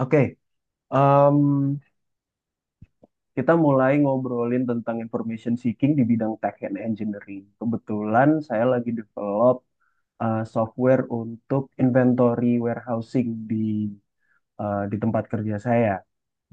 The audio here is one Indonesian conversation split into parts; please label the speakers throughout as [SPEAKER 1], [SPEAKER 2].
[SPEAKER 1] Oke, em, kita mulai ngobrolin tentang information seeking di bidang tech and engineering. Kebetulan saya lagi develop software untuk inventory warehousing di tempat kerja saya.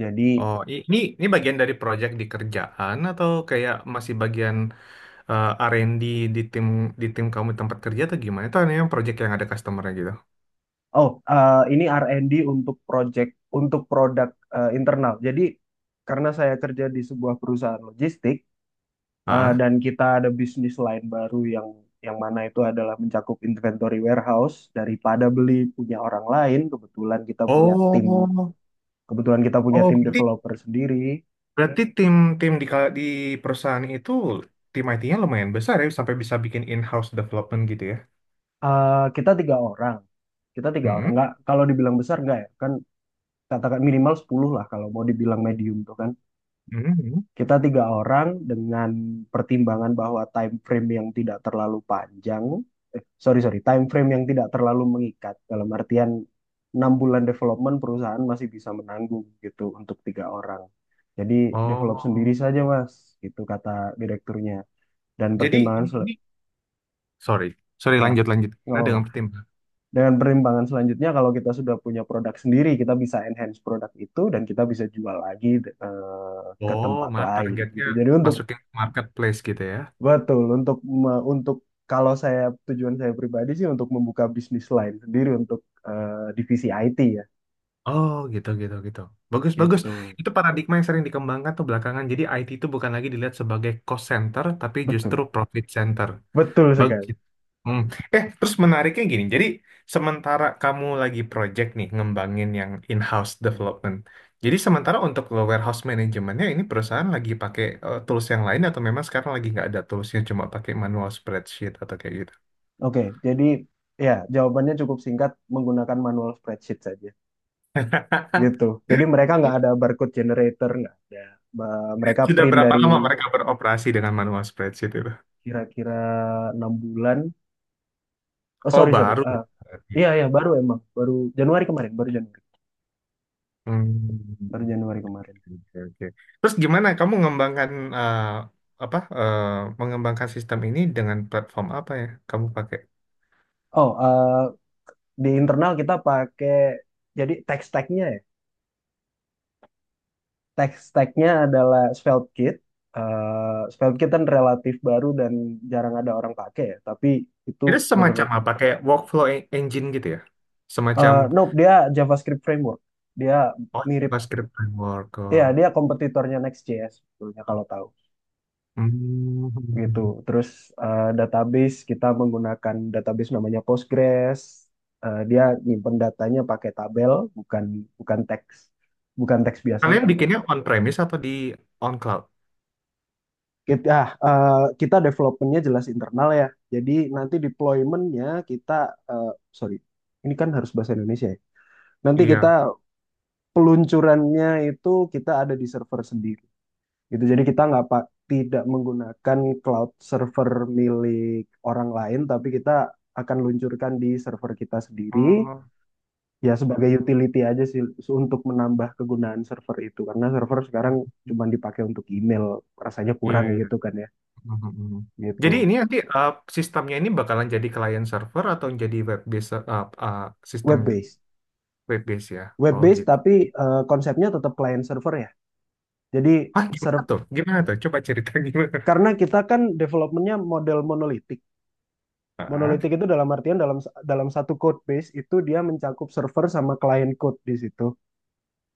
[SPEAKER 1] Jadi,
[SPEAKER 2] Oh, ini bagian dari proyek di kerjaan atau kayak masih bagian R&D di tim di tim kamu di tempat kerja atau gimana? Itu yang proyek yang ada customer-nya gitu.
[SPEAKER 1] oh ini R&D untuk project untuk produk internal. Jadi, karena saya kerja di sebuah perusahaan logistik,
[SPEAKER 2] Ah.
[SPEAKER 1] dan kita ada bisnis lain baru yang mana itu adalah mencakup inventory warehouse daripada beli punya orang lain, kebetulan kita punya tim
[SPEAKER 2] Oh.
[SPEAKER 1] kebetulan kita punya
[SPEAKER 2] Oh,
[SPEAKER 1] tim
[SPEAKER 2] berarti
[SPEAKER 1] developer sendiri.
[SPEAKER 2] berarti tim tim di ka- di perusahaan itu tim IT-nya lumayan besar ya sampai bisa bikin in-house development gitu ya.
[SPEAKER 1] Kita tiga orang,
[SPEAKER 2] Mm-mm.
[SPEAKER 1] nggak kalau dibilang besar nggak ya kan, katakan minimal 10 lah kalau mau dibilang medium tuh kan.
[SPEAKER 2] Mm-mm.
[SPEAKER 1] Kita tiga orang dengan pertimbangan bahwa time frame yang tidak terlalu panjang, sorry sorry, time frame yang tidak terlalu mengikat dalam artian 6 bulan development perusahaan masih bisa menanggung gitu untuk tiga orang. Jadi, develop sendiri
[SPEAKER 2] Oh.
[SPEAKER 1] saja mas, itu kata direkturnya. Dan
[SPEAKER 2] Jadi
[SPEAKER 1] pertimbangan
[SPEAKER 2] ini Sorry. Sorry,
[SPEAKER 1] ah
[SPEAKER 2] lanjut lanjut.
[SPEAKER 1] nggak
[SPEAKER 2] Nah,
[SPEAKER 1] apa-apa.
[SPEAKER 2] dengan tim.
[SPEAKER 1] Dengan pertimbangan selanjutnya kalau kita sudah punya produk sendiri, kita bisa enhance produk itu dan kita bisa jual lagi ke
[SPEAKER 2] Oh,
[SPEAKER 1] tempat
[SPEAKER 2] malah
[SPEAKER 1] lain
[SPEAKER 2] targetnya
[SPEAKER 1] gitu. Jadi untuk,
[SPEAKER 2] masukin marketplace gitu ya.
[SPEAKER 1] Betul, untuk me- untuk kalau saya, tujuan saya pribadi sih untuk membuka bisnis lain sendiri untuk divisi IT ya.
[SPEAKER 2] Oh gitu gitu gitu. Bagus bagus.
[SPEAKER 1] Itu
[SPEAKER 2] Itu paradigma yang sering dikembangkan tuh belakangan. Jadi IT itu bukan lagi dilihat sebagai cost center, tapi justru
[SPEAKER 1] betul,
[SPEAKER 2] profit center.
[SPEAKER 1] betul
[SPEAKER 2] Bagus
[SPEAKER 1] sekali.
[SPEAKER 2] itu. Hmm. Terus menariknya gini. Jadi sementara kamu lagi project nih ngembangin yang in-house development. Jadi sementara untuk warehouse manajemennya ini perusahaan lagi pakai tools yang lain atau memang sekarang lagi nggak ada toolsnya cuma pakai manual spreadsheet atau kayak gitu.
[SPEAKER 1] Oke, jadi ya, jawabannya cukup singkat, menggunakan manual spreadsheet saja. Gitu. Jadi mereka nggak ada barcode generator, nggak ada. Mereka
[SPEAKER 2] Sudah
[SPEAKER 1] print
[SPEAKER 2] berapa
[SPEAKER 1] dari.
[SPEAKER 2] lama mereka beroperasi dengan manual spreadsheet itu?
[SPEAKER 1] Kira-kira 6 bulan. Oh sorry
[SPEAKER 2] Oh
[SPEAKER 1] sorry.
[SPEAKER 2] baru.
[SPEAKER 1] Iya iya, baru emang baru Januari kemarin, baru
[SPEAKER 2] Hmm.
[SPEAKER 1] Januari kemarin.
[SPEAKER 2] Oke, oke. Terus gimana kamu mengembangkan eh, apa eh, mengembangkan sistem ini dengan platform apa ya kamu pakai?
[SPEAKER 1] Oh, di internal kita pakai, jadi text tagnya adalah SvelteKit. SvelteKit kan relatif baru dan jarang ada orang pakai ya, tapi itu
[SPEAKER 2] Itu semacam
[SPEAKER 1] menurut,
[SPEAKER 2] apa kayak workflow engine gitu ya? Semacam
[SPEAKER 1] nope, dia JavaScript framework, dia
[SPEAKER 2] oh,
[SPEAKER 1] mirip,
[SPEAKER 2] JavaScript framework.
[SPEAKER 1] ya
[SPEAKER 2] Oh.
[SPEAKER 1] dia kompetitornya Next.js sebetulnya kalau tahu. Gitu.
[SPEAKER 2] Hmm.
[SPEAKER 1] Terus database kita menggunakan database namanya Postgres. Dia nyimpen datanya pakai tabel, bukan bukan teks, bukan teks biasa,
[SPEAKER 2] Kalian
[SPEAKER 1] bukan.
[SPEAKER 2] bikinnya on premise atau on cloud?
[SPEAKER 1] Kita ah, eh, kita developmentnya jelas internal ya. Jadi nanti deploymentnya kita, eh, sorry, ini kan harus bahasa Indonesia ya. Nanti kita
[SPEAKER 2] Iya.
[SPEAKER 1] peluncurannya itu, kita ada di server sendiri. Gitu. Jadi kita nggak pak tidak menggunakan cloud server milik orang lain, tapi kita akan luncurkan di server kita sendiri.
[SPEAKER 2] Oh,
[SPEAKER 1] Ya, sebagai utility aja sih untuk menambah kegunaan server itu, karena server sekarang cuma dipakai untuk email rasanya
[SPEAKER 2] iya
[SPEAKER 1] kurang
[SPEAKER 2] iya.
[SPEAKER 1] gitu kan ya.
[SPEAKER 2] Hmm. Hmm, hmm.
[SPEAKER 1] Gitu.
[SPEAKER 2] Jadi ini nanti sistemnya ini bakalan jadi client server atau jadi web based
[SPEAKER 1] Web
[SPEAKER 2] sistemnya?
[SPEAKER 1] based.
[SPEAKER 2] Web base ya.
[SPEAKER 1] Web
[SPEAKER 2] Oh
[SPEAKER 1] based
[SPEAKER 2] gitu.
[SPEAKER 1] tapi konsepnya tetap client server ya. Jadi
[SPEAKER 2] Ah gimana
[SPEAKER 1] serv-
[SPEAKER 2] tuh? Gimana tuh? Coba cerita gimana.
[SPEAKER 1] karena kita kan developmentnya model monolitik.
[SPEAKER 2] Ah,
[SPEAKER 1] Monolitik itu dalam artian, dalam dalam satu code base itu dia mencakup server sama client code di situ.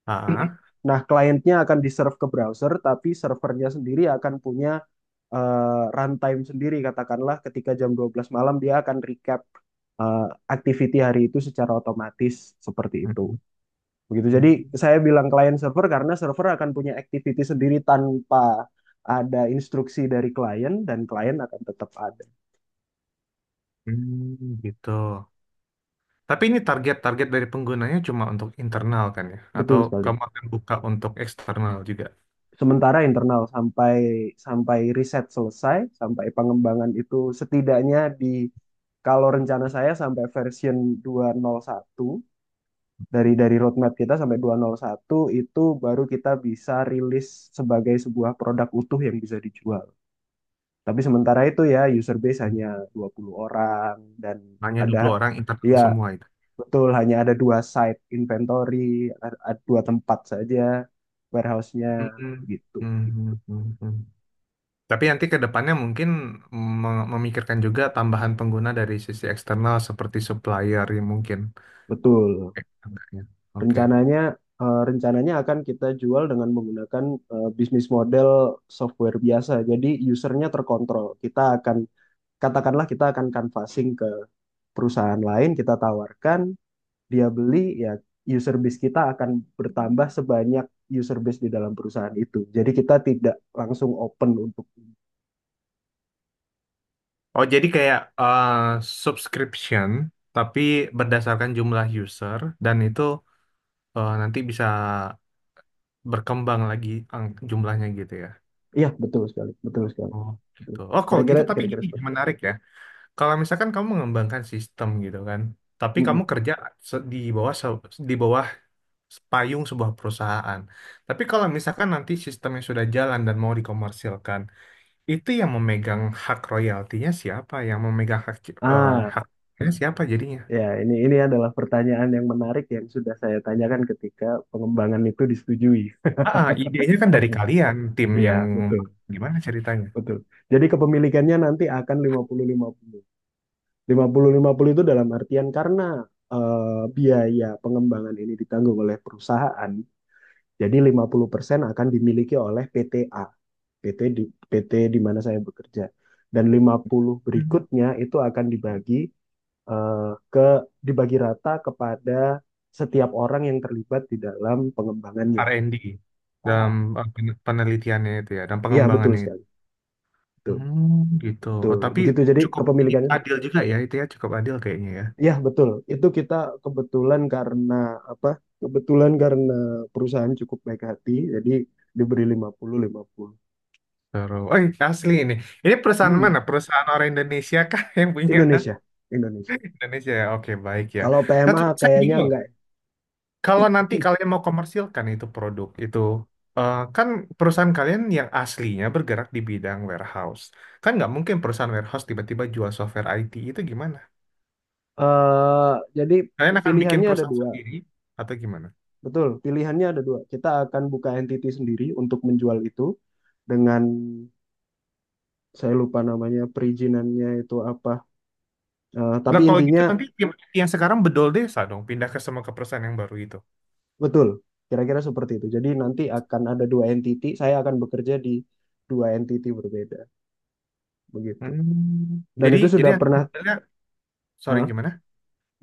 [SPEAKER 2] ah.
[SPEAKER 1] Nah, kliennya akan di-serve ke browser, tapi servernya sendiri akan punya runtime sendiri. Katakanlah ketika jam 12 malam dia akan recap eh, activity hari itu secara otomatis, seperti itu. Begitu. Jadi
[SPEAKER 2] Hmm,
[SPEAKER 1] saya bilang client server karena server akan punya activity sendiri tanpa ada instruksi dari klien, dan klien akan tetap ada.
[SPEAKER 2] hmm, gitu. Tapi ini target-target dari penggunanya cuma untuk internal kan ya? Atau
[SPEAKER 1] Betul sekali.
[SPEAKER 2] kamu akan buka untuk eksternal juga?
[SPEAKER 1] Sementara internal sampai, riset selesai, sampai pengembangan itu, setidaknya di, kalau rencana saya, sampai version 201, dari roadmap kita sampai 201 itu baru kita bisa rilis sebagai sebuah produk utuh yang bisa dijual. Tapi sementara itu ya, user base hanya 20 orang. Dan
[SPEAKER 2] Hanya dua
[SPEAKER 1] ada,
[SPEAKER 2] puluh orang internal
[SPEAKER 1] ya
[SPEAKER 2] semua itu.
[SPEAKER 1] betul, hanya ada dua site inventory, ada, dua tempat saja warehouse-nya.
[SPEAKER 2] Hmm, hmm,
[SPEAKER 1] Gitu.
[SPEAKER 2] hmm, hmm, hmm. Tapi nanti ke depannya mungkin memikirkan juga tambahan pengguna dari sisi eksternal seperti supplier ya mungkin.
[SPEAKER 1] Betul.
[SPEAKER 2] Oke. Oke.
[SPEAKER 1] Rencananya rencananya akan kita jual dengan menggunakan bisnis model software biasa. Jadi usernya terkontrol. Kita akan, katakanlah kita akan canvassing ke perusahaan lain, kita tawarkan, dia beli ya, user base kita akan bertambah sebanyak user base di dalam perusahaan itu. Jadi kita tidak langsung open untuk.
[SPEAKER 2] Oh, jadi kayak subscription, tapi berdasarkan jumlah user, dan itu nanti bisa berkembang lagi jumlahnya gitu ya.
[SPEAKER 1] Iya betul sekali, betul sekali.
[SPEAKER 2] Oh,
[SPEAKER 1] Betul
[SPEAKER 2] gitu.
[SPEAKER 1] sekali.
[SPEAKER 2] Oh, kalau
[SPEAKER 1] Kira-kira
[SPEAKER 2] gitu, tapi
[SPEAKER 1] kira-kira
[SPEAKER 2] gini,
[SPEAKER 1] seperti itu.
[SPEAKER 2] menarik ya. Kalau misalkan kamu mengembangkan sistem gitu kan, tapi kamu
[SPEAKER 1] Mm-mm.
[SPEAKER 2] kerja se- di bawah se- di bawah payung sebuah perusahaan. Tapi kalau misalkan nanti sistemnya sudah jalan dan mau dikomersilkan, itu yang memegang hak royaltinya siapa? Yang memegang hak
[SPEAKER 1] Ah,
[SPEAKER 2] haknya siapa jadinya?
[SPEAKER 1] ya ini adalah pertanyaan yang menarik yang sudah saya tanyakan ketika pengembangan itu disetujui.
[SPEAKER 2] Ah, idenya kan dari kalian, tim
[SPEAKER 1] Iya,
[SPEAKER 2] yang
[SPEAKER 1] betul.
[SPEAKER 2] gimana ceritanya?
[SPEAKER 1] Betul. Jadi kepemilikannya nanti akan lima lima puluh lima puluh lima puluh lima puluh, itu dalam artian karena eh, biaya pengembangan ini ditanggung oleh perusahaan. Jadi 50% akan dimiliki oleh PTA, PT di, PT di mana saya bekerja. Dan 50
[SPEAKER 2] Hmm.
[SPEAKER 1] berikutnya itu akan dibagi eh, ke dibagi rata kepada setiap orang yang terlibat di dalam pengembangannya.
[SPEAKER 2] R&D dalam
[SPEAKER 1] Sama.
[SPEAKER 2] penelitiannya itu ya, dan
[SPEAKER 1] Iya, betul
[SPEAKER 2] pengembangannya itu.
[SPEAKER 1] sekali. Betul.
[SPEAKER 2] Hmm, gitu. Oh,
[SPEAKER 1] Betul.
[SPEAKER 2] tapi
[SPEAKER 1] Begitu jadi
[SPEAKER 2] cukup ini
[SPEAKER 1] kepemilikannya.
[SPEAKER 2] adil juga ya itu ya, cukup adil kayaknya ya.
[SPEAKER 1] Iya, betul. Itu kita kebetulan karena apa? Kebetulan karena perusahaan cukup baik hati, jadi diberi 50 50.
[SPEAKER 2] Terus, oh asli ini. Ini perusahaan
[SPEAKER 1] Hmm.
[SPEAKER 2] mana? Perusahaan orang Indonesia kah yang punya
[SPEAKER 1] Indonesia, Indonesia.
[SPEAKER 2] Indonesia ya? Oke, baik ya.
[SPEAKER 1] Kalau
[SPEAKER 2] Nah,
[SPEAKER 1] PMA
[SPEAKER 2] tapi saya
[SPEAKER 1] kayaknya
[SPEAKER 2] bingung.
[SPEAKER 1] enggak.
[SPEAKER 2] Kalau nanti kalian mau komersilkan itu produk itu, kan perusahaan kalian yang aslinya bergerak di bidang warehouse. Kan nggak mungkin perusahaan warehouse tiba-tiba jual software IT itu gimana?
[SPEAKER 1] Eh, jadi
[SPEAKER 2] Kalian akan bikin
[SPEAKER 1] pilihannya ada
[SPEAKER 2] perusahaan
[SPEAKER 1] dua,
[SPEAKER 2] sendiri atau gimana?
[SPEAKER 1] betul. Pilihannya ada dua. Kita akan buka entity sendiri untuk menjual itu, dengan, saya lupa namanya perizinannya itu apa. Tapi
[SPEAKER 2] Lah kalau
[SPEAKER 1] intinya
[SPEAKER 2] gitu nanti yang sekarang bedol desa dong, pindah ke semua ke perusahaan yang baru itu.
[SPEAKER 1] betul, kira-kira seperti itu. Jadi nanti akan ada dua entity. Saya akan bekerja di dua entity berbeda, begitu.
[SPEAKER 2] Hmm.
[SPEAKER 1] Dan
[SPEAKER 2] Jadi
[SPEAKER 1] itu
[SPEAKER 2] jadi
[SPEAKER 1] sudah
[SPEAKER 2] nanti
[SPEAKER 1] pernah,
[SPEAKER 2] modelnya, sorry
[SPEAKER 1] eh,
[SPEAKER 2] gimana?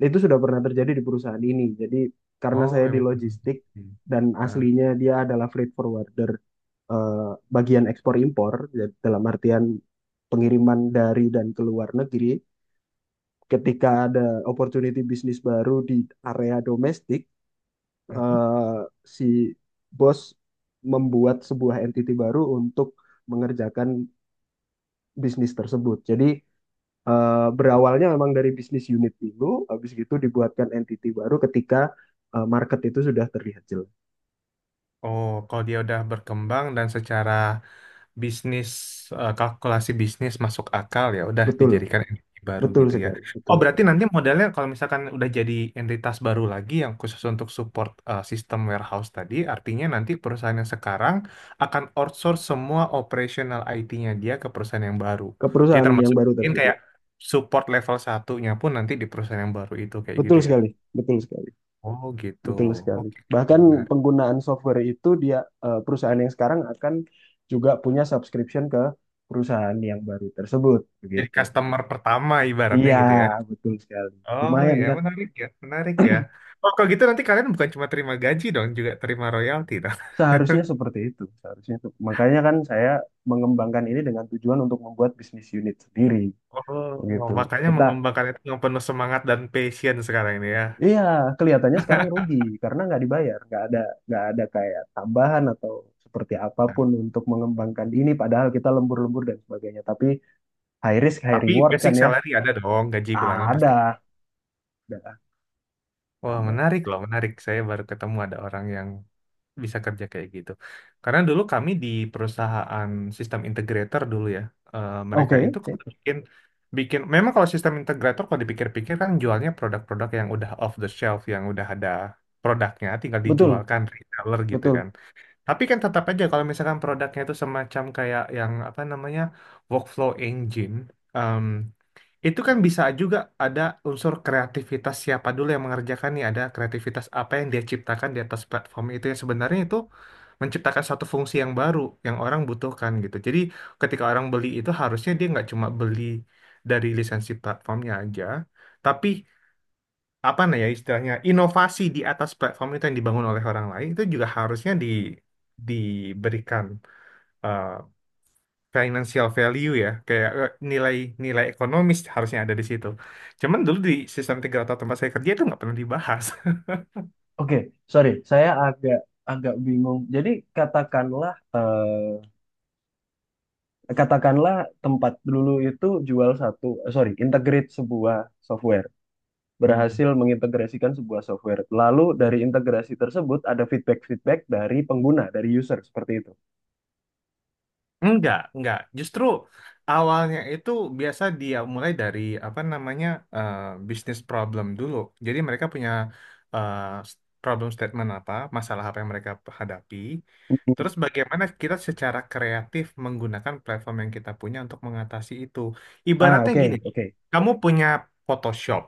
[SPEAKER 1] itu sudah pernah terjadi di perusahaan ini. Jadi karena
[SPEAKER 2] Oh
[SPEAKER 1] saya di
[SPEAKER 2] memang.
[SPEAKER 1] logistik
[SPEAKER 2] Hmm.
[SPEAKER 1] dan
[SPEAKER 2] Nah,
[SPEAKER 1] aslinya dia adalah freight forwarder. eh, bagian ekspor impor ya, dalam artian pengiriman dari dan ke luar negeri, ketika ada opportunity bisnis baru di area domestik
[SPEAKER 2] mhm.
[SPEAKER 1] eh, si bos membuat sebuah entity baru untuk mengerjakan bisnis tersebut. Jadi berawalnya memang dari bisnis unit dulu, habis itu dibuatkan entity baru ketika market itu sudah terlihat jelas.
[SPEAKER 2] Oh kalau dia udah berkembang dan secara bisnis kalkulasi bisnis masuk akal ya udah
[SPEAKER 1] Betul,
[SPEAKER 2] dijadikan Ya. Baru
[SPEAKER 1] betul
[SPEAKER 2] gitu ya.
[SPEAKER 1] sekali,
[SPEAKER 2] Oh
[SPEAKER 1] betul
[SPEAKER 2] berarti
[SPEAKER 1] sekali.
[SPEAKER 2] nanti modelnya kalau misalkan udah jadi entitas baru lagi yang khusus untuk support sistem warehouse tadi, artinya nanti perusahaan yang sekarang akan outsource semua operational IT-nya dia ke perusahaan yang baru.
[SPEAKER 1] Ke
[SPEAKER 2] Jadi
[SPEAKER 1] perusahaan yang
[SPEAKER 2] termasuk
[SPEAKER 1] baru
[SPEAKER 2] mungkin
[SPEAKER 1] tersebut.
[SPEAKER 2] kayak support level satunya pun nanti di perusahaan yang baru itu kayak
[SPEAKER 1] Betul
[SPEAKER 2] gitu ya.
[SPEAKER 1] sekali, betul sekali.
[SPEAKER 2] Oh gitu.
[SPEAKER 1] Betul sekali.
[SPEAKER 2] Oke, oke,
[SPEAKER 1] Bahkan
[SPEAKER 2] menarik.
[SPEAKER 1] penggunaan software itu, dia, perusahaan yang sekarang akan juga punya subscription ke perusahaan yang baru tersebut,
[SPEAKER 2] Jadi
[SPEAKER 1] begitu.
[SPEAKER 2] customer pertama ibaratnya
[SPEAKER 1] Iya,
[SPEAKER 2] gitu ya.
[SPEAKER 1] betul sekali.
[SPEAKER 2] Oh
[SPEAKER 1] Lumayan
[SPEAKER 2] ya,
[SPEAKER 1] kan?
[SPEAKER 2] menarik ya, menarik ya. Oh, kalau gitu nanti kalian bukan cuma terima gaji dong, juga terima royalti dong.
[SPEAKER 1] Seharusnya seperti itu. Seharusnya itu. Makanya kan saya mengembangkan ini dengan tujuan untuk membuat bisnis unit sendiri,
[SPEAKER 2] Oh,
[SPEAKER 1] begitu.
[SPEAKER 2] makanya
[SPEAKER 1] Kita,
[SPEAKER 2] mengembangkan itu yang penuh semangat dan passion sekarang ini ya.
[SPEAKER 1] iya, kelihatannya sekarang rugi karena nggak dibayar, nggak ada kayak tambahan atau seperti
[SPEAKER 2] Nah,
[SPEAKER 1] apapun untuk mengembangkan ini. Padahal kita lembur-lembur dan sebagainya, tapi high risk high
[SPEAKER 2] tapi
[SPEAKER 1] reward
[SPEAKER 2] basic
[SPEAKER 1] kan ya.
[SPEAKER 2] salary ada dong, gaji bulanan
[SPEAKER 1] Ada,
[SPEAKER 2] pasti.
[SPEAKER 1] ada,
[SPEAKER 2] Wah,
[SPEAKER 1] ada.
[SPEAKER 2] menarik loh, menarik. Saya baru ketemu ada orang yang bisa kerja kayak gitu. Karena dulu kami di perusahaan sistem integrator dulu ya,
[SPEAKER 1] Oke,
[SPEAKER 2] mereka itu
[SPEAKER 1] oke,
[SPEAKER 2] kan bikin bikin memang kalau sistem integrator kalau dipikir-pikir kan jualnya produk-produk yang udah off the shelf yang udah ada produknya tinggal
[SPEAKER 1] betul,
[SPEAKER 2] dijualkan reseller gitu kan.
[SPEAKER 1] betul,
[SPEAKER 2] Tapi kan tetap aja kalau misalkan produknya itu semacam kayak yang apa namanya workflow engine em, itu kan bisa juga ada unsur kreativitas siapa dulu yang mengerjakan nih, ada kreativitas apa yang dia ciptakan di atas platform itu yang sebenarnya itu menciptakan suatu fungsi yang baru yang orang butuhkan gitu. Jadi ketika orang beli itu harusnya dia nggak cuma beli dari lisensi platformnya aja, tapi apa nah ya istilahnya inovasi di atas platform itu yang dibangun oleh orang lain itu juga harusnya diberikan eh, financial value ya kayak nilai nilai ekonomis harusnya ada di situ. Cuman dulu di sistem tiga atau tempat saya kerja itu nggak pernah dibahas.
[SPEAKER 1] oke. Sorry, saya agak agak bingung, jadi katakanlah, katakanlah tempat dulu itu jual satu, sorry, integrate sebuah software, berhasil mengintegrasikan sebuah software, lalu
[SPEAKER 2] Hmm.
[SPEAKER 1] dari integrasi tersebut ada feedback feedback dari pengguna, dari user, seperti itu.
[SPEAKER 2] Enggak, enggak. Justru awalnya itu biasa dia mulai dari apa namanya eh, bisnis problem dulu. Jadi mereka punya eh, s- problem statement apa, masalah apa yang mereka hadapi.
[SPEAKER 1] Mm.
[SPEAKER 2] Terus bagaimana kita secara kreatif menggunakan platform yang kita punya untuk mengatasi itu.
[SPEAKER 1] ah
[SPEAKER 2] Ibaratnya
[SPEAKER 1] oke
[SPEAKER 2] gini,
[SPEAKER 1] oke.
[SPEAKER 2] kamu punya Photoshop.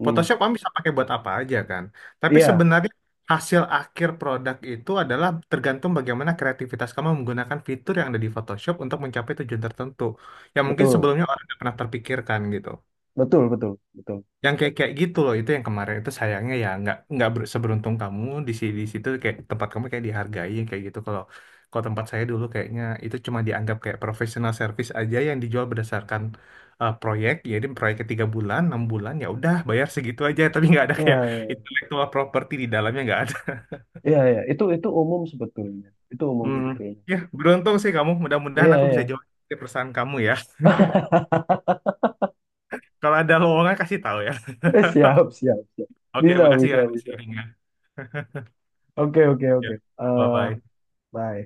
[SPEAKER 1] Mm-mm.
[SPEAKER 2] Photoshop kamu bisa pakai buat apa aja kan. Tapi
[SPEAKER 1] Iya,
[SPEAKER 2] sebenarnya hasil akhir produk itu adalah tergantung bagaimana kreativitas kamu menggunakan fitur yang ada di Photoshop untuk mencapai tujuan tertentu. Yang mungkin
[SPEAKER 1] betul,
[SPEAKER 2] sebelumnya orang nggak pernah terpikirkan gitu
[SPEAKER 1] betul, betul, betul.
[SPEAKER 2] yang kayak kayak gitu loh itu yang kemarin itu sayangnya ya nggak seberuntung kamu di di situ kayak tempat kamu kayak dihargai kayak gitu kalau kalau tempat saya dulu kayaknya itu cuma dianggap kayak professional service aja yang dijual berdasarkan proyek jadi proyeknya 3 bulan 6 bulan ya udah bayar segitu aja tapi nggak ada kayak
[SPEAKER 1] Iya,
[SPEAKER 2] intellectual property di dalamnya nggak ada
[SPEAKER 1] iya, iya, itu umum sebetulnya. Itu umum
[SPEAKER 2] hmm.
[SPEAKER 1] sebetulnya.
[SPEAKER 2] Ya beruntung sih kamu
[SPEAKER 1] Iya,
[SPEAKER 2] mudah-mudahan aku bisa
[SPEAKER 1] iya.
[SPEAKER 2] jawab perusahaan kamu ya kalau ada lowongan kasih tahu ya
[SPEAKER 1] Siap, siap, siap.
[SPEAKER 2] oke
[SPEAKER 1] Bisa,
[SPEAKER 2] makasih
[SPEAKER 1] bisa,
[SPEAKER 2] ya
[SPEAKER 1] bisa.
[SPEAKER 2] sharingnya
[SPEAKER 1] Oke, oke,
[SPEAKER 2] ya
[SPEAKER 1] oke.
[SPEAKER 2] bye
[SPEAKER 1] Eh,
[SPEAKER 2] bye.
[SPEAKER 1] Bye.